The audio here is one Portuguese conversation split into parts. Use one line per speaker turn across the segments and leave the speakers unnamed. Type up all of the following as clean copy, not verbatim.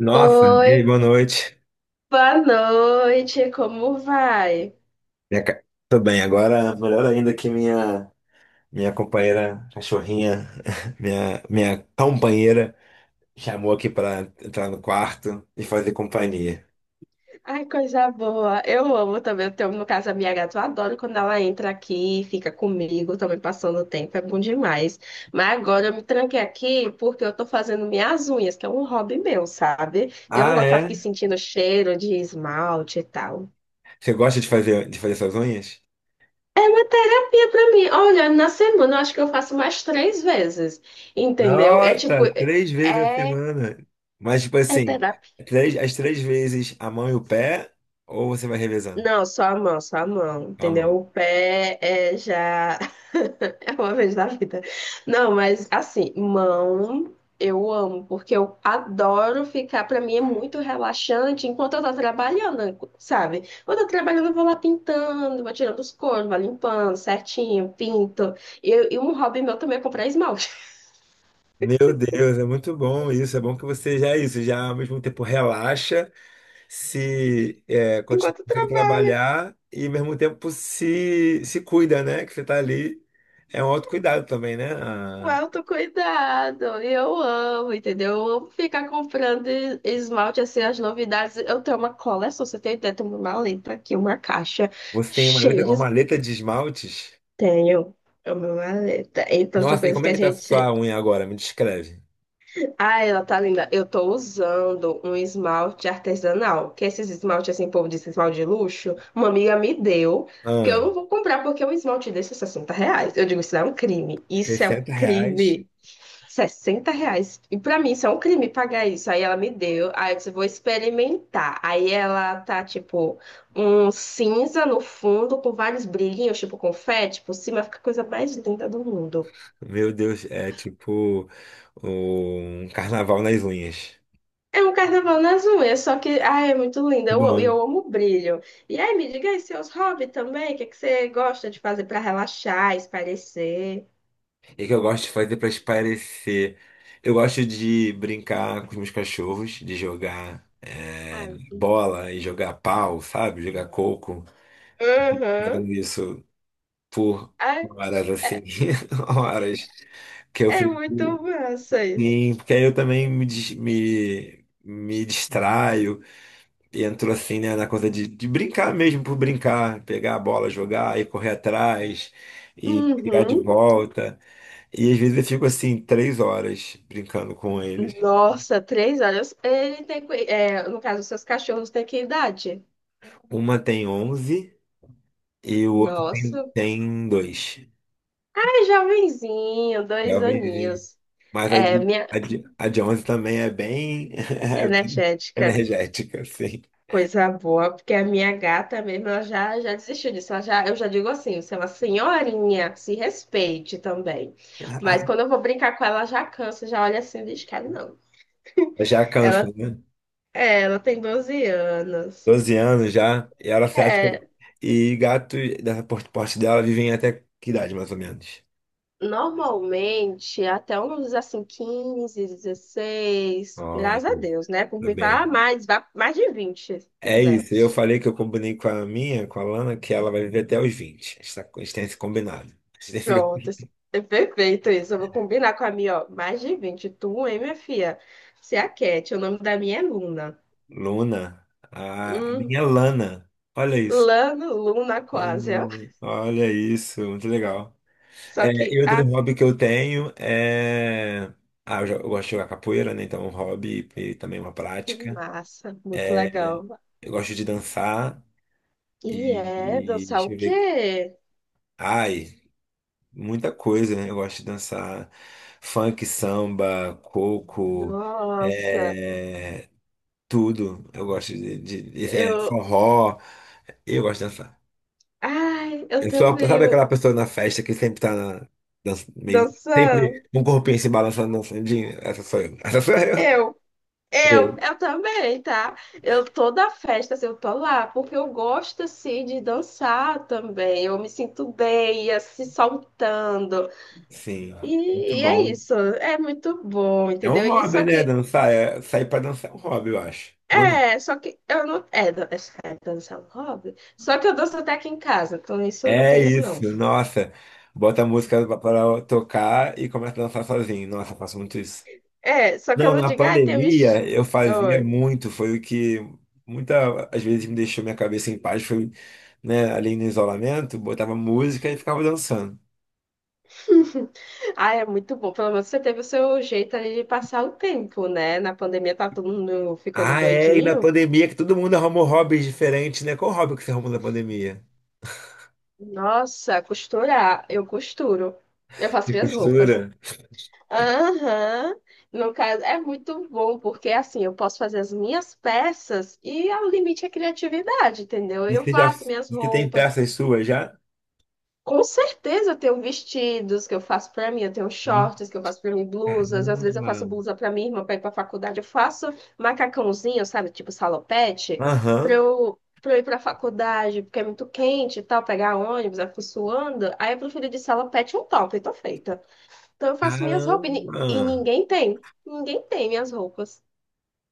Nossa, e
Oi,
aí, boa noite.
boa noite, como vai?
Minha ca- Tô bem, agora melhor ainda que minha companheira cachorrinha, minha companheira chamou aqui pra entrar no quarto e fazer companhia.
Ai, coisa boa. Eu amo também. Eu tenho, no caso, a minha gata, eu adoro quando ela entra aqui, fica comigo, também passando o tempo, é bom demais. Mas agora eu me tranquei aqui porque eu tô fazendo minhas unhas, que é um hobby meu, sabe? Eu não
Ah,
gosto de ficar aqui
é?
sentindo cheiro de esmalte e tal.
Você gosta de fazer suas unhas?
É uma terapia pra mim. Olha, na semana eu acho que eu faço mais 3 vezes, entendeu? É tipo,
Nossa, 3 vezes a
é,
semana. Mas tipo
é
assim,
terapia.
as três vezes a mão e o pé ou você vai revezando?
Não, só a mão,
A
entendeu?
mão.
O pé é já. É uma vez na vida. Não, mas assim, mão eu amo, porque eu adoro ficar. Pra mim é muito relaxante enquanto eu tô trabalhando, sabe? Quando eu tô trabalhando, eu vou lá pintando, vou tirando os coros, vou limpando certinho, pinto. E um hobby meu também é comprar esmalte
Meu Deus, é muito bom isso. É bom que você já é isso, já ao mesmo tempo relaxa. Se é, continua,
enquanto eu
consegue
trabalho.
trabalhar e ao mesmo tempo se cuida, né? Que você tá ali. É um autocuidado também, né?
O autocuidado, eu amo, entendeu? Eu amo ficar comprando esmalte, assim, as novidades. Eu tenho uma coleção, você tem ideia? Eu tenho uma maleta aqui, uma caixa
Você tem
cheia de...
uma
es-
maleta de esmaltes.
Tenho é uma maleta. Então, são
Nossa, e
coisas
como
que
é
a
que tá
gente...
sua unha agora? Me descreve.
Ah, ela tá linda. Eu tô usando um esmalte artesanal, que é esses esmalte, assim, o povo disse esmalte de luxo, uma amiga me deu, que eu
Ah,
não vou comprar, porque um esmalte desse é R$ reais. Eu digo, isso é um crime. Isso é um
R$ 60.
crime. R$ 60. E pra mim isso é um crime pagar isso. Aí ela me deu. Aí eu disse, vou experimentar. Aí ela tá, tipo, um cinza no fundo com vários brilhinhos, tipo confete por cima. Fica a coisa mais linda do mundo.
Meu Deus, é tipo um carnaval nas unhas.
É um carnaval nas unhas, só que, ai, é muito linda.
Muito
Eu,
bom,
eu amo brilho. E aí, me diga aí seus hobbies também. O que, é que você gosta de fazer pra relaxar, espairecer?
e o que eu gosto de fazer para espairecer? Eu gosto de brincar com os meus cachorros, de jogar é,
Ai, muito bom.
bola e jogar pau, sabe? Jogar coco.
Uhum.
Fazendo isso por
Ai,
horas assim,
é,
horas que eu
é
fico.
muito massa isso.
Sim, porque aí eu também me distraio, entro assim, né, na coisa de brincar mesmo por brincar, pegar a bola, jogar e correr atrás e pegar de
Uhum.
volta. E às vezes eu fico assim, 3 horas brincando com eles.
Nossa, três horas. Ele tem, é, no caso, seus cachorros têm que idade?
Uma tem 11 e o outro tem,
Nossa,
tem dois.
é jovenzinho, dois
Jovens.
aninhos.
Mas a
É,
de,
minha
a de, a de 11 também é bem, é bem
energética,
energética, assim.
coisa boa, porque a minha gata mesmo, ela já, já desistiu disso. Ela já, eu já digo assim, você é uma senhorinha, se respeite também. Mas quando eu vou brincar com ela, ela já cansa, já olha assim, diz, cara, não.
Já cansa,
Ela,
né?
é, ela tem 12 anos.
12 anos já, e ela se acha.
É,
E gato dessa porte dela vivem até que idade, mais ou menos?
normalmente, até uns assim, 15, 16,
Olha,
graças a Deus, né? Por
tá
mim,
bem.
vá mais de 20, se
É
quiser.
isso, eu falei que eu combinei com a minha, com a Lana, que ela vai viver até os 20. A gente tem esse combinado. A gente tem
Pronto,
esse-
assim, é perfeito isso. Eu vou combinar com a minha, ó, mais de 20. Tu, hein, minha filha? Você é a Cat, o nome da minha é Luna.
Luna, a
Hum,
minha é Lana, olha isso.
Lano, Luna quase, ó.
Lana, olha isso, muito legal.
Só
É,
que,
e outro
ah,
hobby que eu tenho é. Ah, eu gosto de jogar capoeira, né? Então é um hobby e também uma
que
prática.
massa, muito legal.
Eu gosto de dançar
E é
e.
dançar o
Deixa eu ver.
quê?
Ai, muita coisa, né? Eu gosto de dançar funk, samba, coco,
Nossa,
é, tudo. Eu gosto de
eu,
forró. Eu gosto de dançar.
ai, eu
Eu sou,
também,
sabe aquela pessoa na festa que sempre tá na, meio.
dançar.
Sempre um corpinho se balançando, dançando. Essa sou eu. Essa sou eu.
Eu, eu,
Eu,
eu também, tá? Eu toda festa, assim, eu tô lá, porque eu gosto, assim, de dançar também. Eu me sinto bem, assim, soltando.
sim, muito
E, e é
bom.
isso, é muito bom,
É um
entendeu? E
hobby,
só
né?
que,
Dançar. Sair pra dançar é um hobby, eu acho. Não é?
é, só que eu não. É, é dançar um hobby. Só que eu danço até aqui em casa, então isso não
É
tem isso não.
isso, nossa. Bota a música pra tocar e começa a dançar sozinho. Nossa, eu faço muito isso.
É, só que eu
Não,
não
na
digo, ai, tem um.
pandemia eu fazia muito, foi o que muita às vezes me deixou minha cabeça em paz, foi, né, ali no isolamento, botava música e ficava dançando.
Ah, é muito bom. Pelo menos você teve o seu jeito ali de passar o tempo, né? Na pandemia tá todo mundo ficando
Ah, é, e na
doidinho.
pandemia que todo mundo arrumou hobbies diferentes, né? Qual hobby que você arrumou na pandemia?
Nossa, costurar. Eu costuro. Eu faço
De
minhas roupas.
costura?
Aham. No caso, é muito bom, porque assim, eu posso fazer as minhas peças e o limite é criatividade, entendeu? Eu
Você já,
faço minhas
você tem
roupas.
peças suas já?
Com certeza eu tenho vestidos que eu faço pra mim, eu tenho
Hum,
shorts que eu faço pra mim, blusas, às vezes eu faço
Caramba.
blusa pra minha irmã pra ir pra faculdade, eu faço macacãozinho, sabe, tipo salopete, pra
Aham.
eu, pra eu ir pra faculdade, porque é muito quente e tal, pegar ônibus, eu fico suando, aí eu prefiro de salopete um top, e tô feita. Então eu faço minhas roupas e
Caramba.
ninguém tem minhas roupas.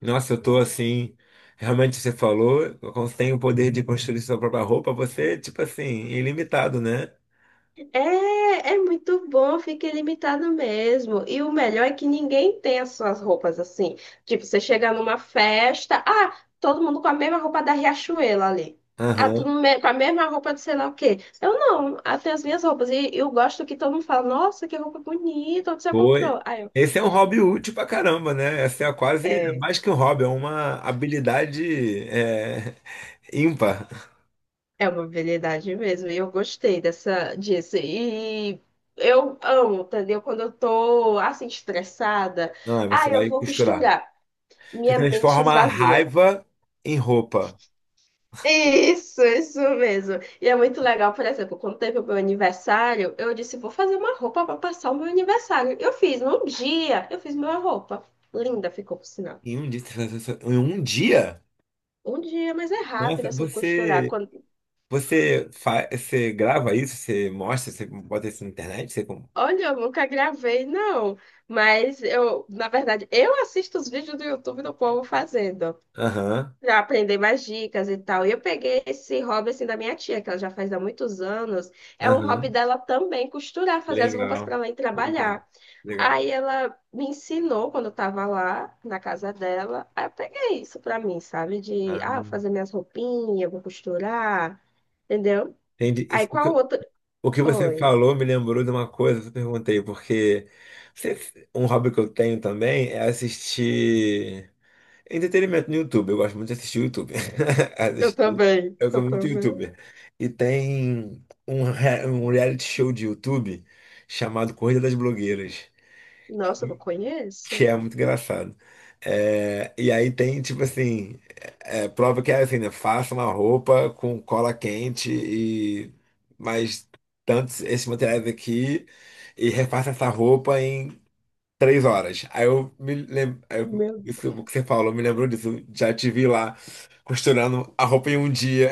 Nossa, eu tô assim. Realmente você falou, tem o poder de construir sua própria roupa, você, tipo assim, ilimitado, né?
É, é muito bom, fica ilimitado mesmo. E o melhor é que ninguém tem as suas roupas assim. Tipo, você chega numa festa, ah, todo mundo com a mesma roupa da Riachuelo ali. Ah, tudo
Aham.
com a mesma roupa de sei lá o quê. Eu não, ah, tenho as minhas roupas. E eu gosto que todo mundo fala, nossa, que roupa bonita, onde você
Foi.
comprou? Aí eu,
Esse é um hobby útil pra caramba, né? Essa é quase é
é,
mais que um hobby, é uma habilidade ímpar.
é uma habilidade mesmo. E eu gostei dessa, disso. E eu amo, entendeu? Quando eu tô assim, estressada,
Não, aí
ah,
você
eu
vai
vou
costurar.
costurar.
Você
Minha mente
transforma a
esvazia.
raiva em roupa.
Isso mesmo. E é muito legal, por exemplo, quando teve o meu aniversário, eu disse, vou fazer uma roupa para passar o meu aniversário. Eu fiz, num dia, eu fiz minha roupa. Linda ficou, por sinal.
Em um dia. Em um dia?
Um dia, mas é rápido
Nossa,
assim de costurar.
você,
Quando...
você, fa, você grava isso, você mostra, você bota isso na internet? Você como?
Olha, eu nunca gravei, não. Mas eu, na verdade, eu assisto os vídeos do YouTube do povo fazendo.
Aham,
Pra aprender mais dicas e tal. E eu peguei esse hobby assim da minha tia, que ela já faz há muitos anos. É um hobby
aham.
dela também costurar, fazer as roupas
Legal,
para ela ir
legal,
trabalhar.
legal.
Aí ela me ensinou quando eu tava lá na casa dela. Aí eu peguei isso pra mim, sabe? De ah, vou
Ah,
fazer minhas roupinhas, vou costurar, entendeu?
entendi.
Aí
O que,
qual outro?
o que, você
Oi.
falou me lembrou de uma coisa que eu perguntei, porque um hobby que eu tenho também é assistir entretenimento no YouTube. Eu gosto muito de assistir YouTube.
Eu
Assistir.
também,
Eu sou
eu
muito
também.
YouTuber. E tem um reality show de YouTube chamado Corrida das Blogueiras.
Nossa, eu não conheço.
Que é muito engraçado. É, e aí tem, tipo assim, prova que é assim, né? Faça uma roupa com cola quente e mais tantos esses materiais aqui e refaça essa roupa em 3 horas. Aí eu me lembro,
Meu.
isso que você falou, me lembrou disso. Já te vi lá costurando a roupa em um dia.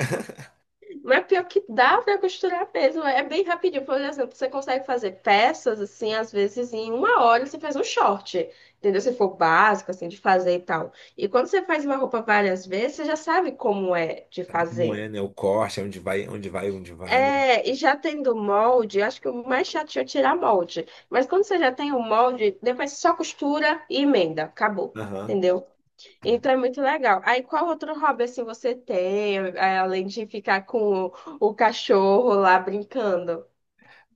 Mas pior que dá pra costurar mesmo, é bem rapidinho. Por exemplo, você consegue fazer peças, assim, às vezes em uma hora você faz um short, entendeu? Se for básico, assim, de fazer e tal. E quando você faz uma roupa várias vezes, você já sabe como é de
Sabe como
fazer.
é, né? O corte, é onde vai, onde vai, onde vai.
É, e já tendo molde, eu acho que o mais chato é tirar molde. Mas quando você já tem o molde, depois você só costura e emenda, acabou,
Aham.
entendeu? Então é muito legal. Aí qual outro hobby assim você tem, é, além de ficar com o cachorro lá brincando?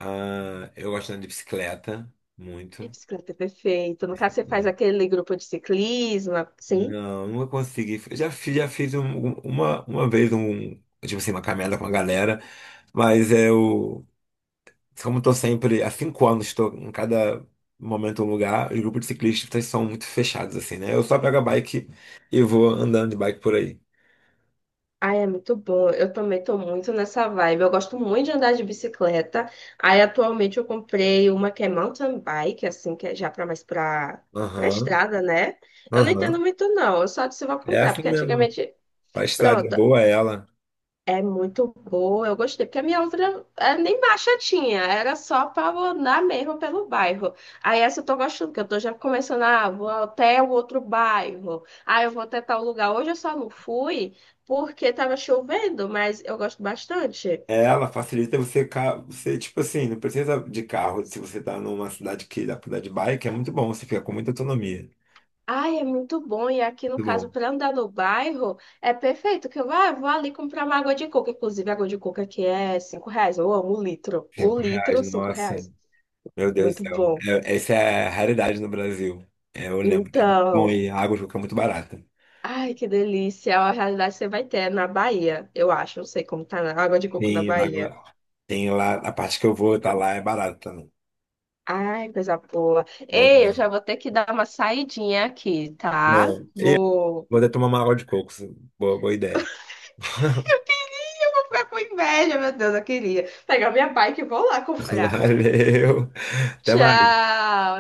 Ah, eu gosto de andar de bicicleta,
Ai,
muito.
bicicleta é perfeito. No caso, você faz aquele grupo de ciclismo, sim?
Não, nunca consegui. Eu já fiz uma vez um, tipo assim, uma caminhada com a galera, mas eu, como estou sempre, há 5 anos estou em cada momento um lugar, os grupos de ciclistas são muito fechados, assim, né? Eu só pego a bike e vou andando de bike por aí.
Ai, é muito bom. Eu também tô muito nessa vibe. Eu gosto muito de andar de bicicleta. Aí atualmente eu comprei uma que é mountain bike, assim, que é já para mais para para
Aham,
estrada, né? Eu não entendo
aham.
muito não. Eu só disse vou
É
comprar,
assim
porque
mesmo.
antigamente...
A estrada é
Pronto,
boa, é ela.
é muito boa, eu gostei, porque a minha outra é, nem marcha tinha, era só pra eu andar mesmo pelo bairro. Aí essa eu tô gostando, porque eu tô já começando, ah, vou até o outro bairro, ah, eu vou até tal lugar. Hoje eu só não fui porque tava chovendo, mas eu gosto bastante.
Ela facilita você, tipo assim, não precisa de carro. Se você tá numa cidade que dá pra andar de bike, é muito bom, você fica com muita autonomia.
Ai, é muito bom, e aqui no
Muito
caso,
bom.
pra andar no bairro, é perfeito, que eu ah, vou ali comprar uma água de coco, inclusive água de coco aqui é R$ 5, eu amo um
R$ 5,
litro, cinco
nossa.
reais,
Meu Deus do
muito
céu.
bom.
Essa é a raridade no Brasil. É, eu lembro que é muito bom
Então...
e a água de coco é muito barata.
Ai, que delícia. A realidade que você vai ter na Bahia, eu acho. Não sei como tá a água de coco na
Tem,
Bahia.
água, tem lá, a parte que eu vou, tá lá, é barata também.
Ai, coisa boa.
Bom
Ei, eu
demais.
já vou ter que dar uma saidinha aqui, tá?
Bom, e
Vou.
vou até tomar uma água de coco. Boa, boa ideia.
Eu queria, eu vou ficar com inveja, meu Deus, eu queria. Pegar minha bike e vou lá comprar.
Valeu. Até mais.
Tchau!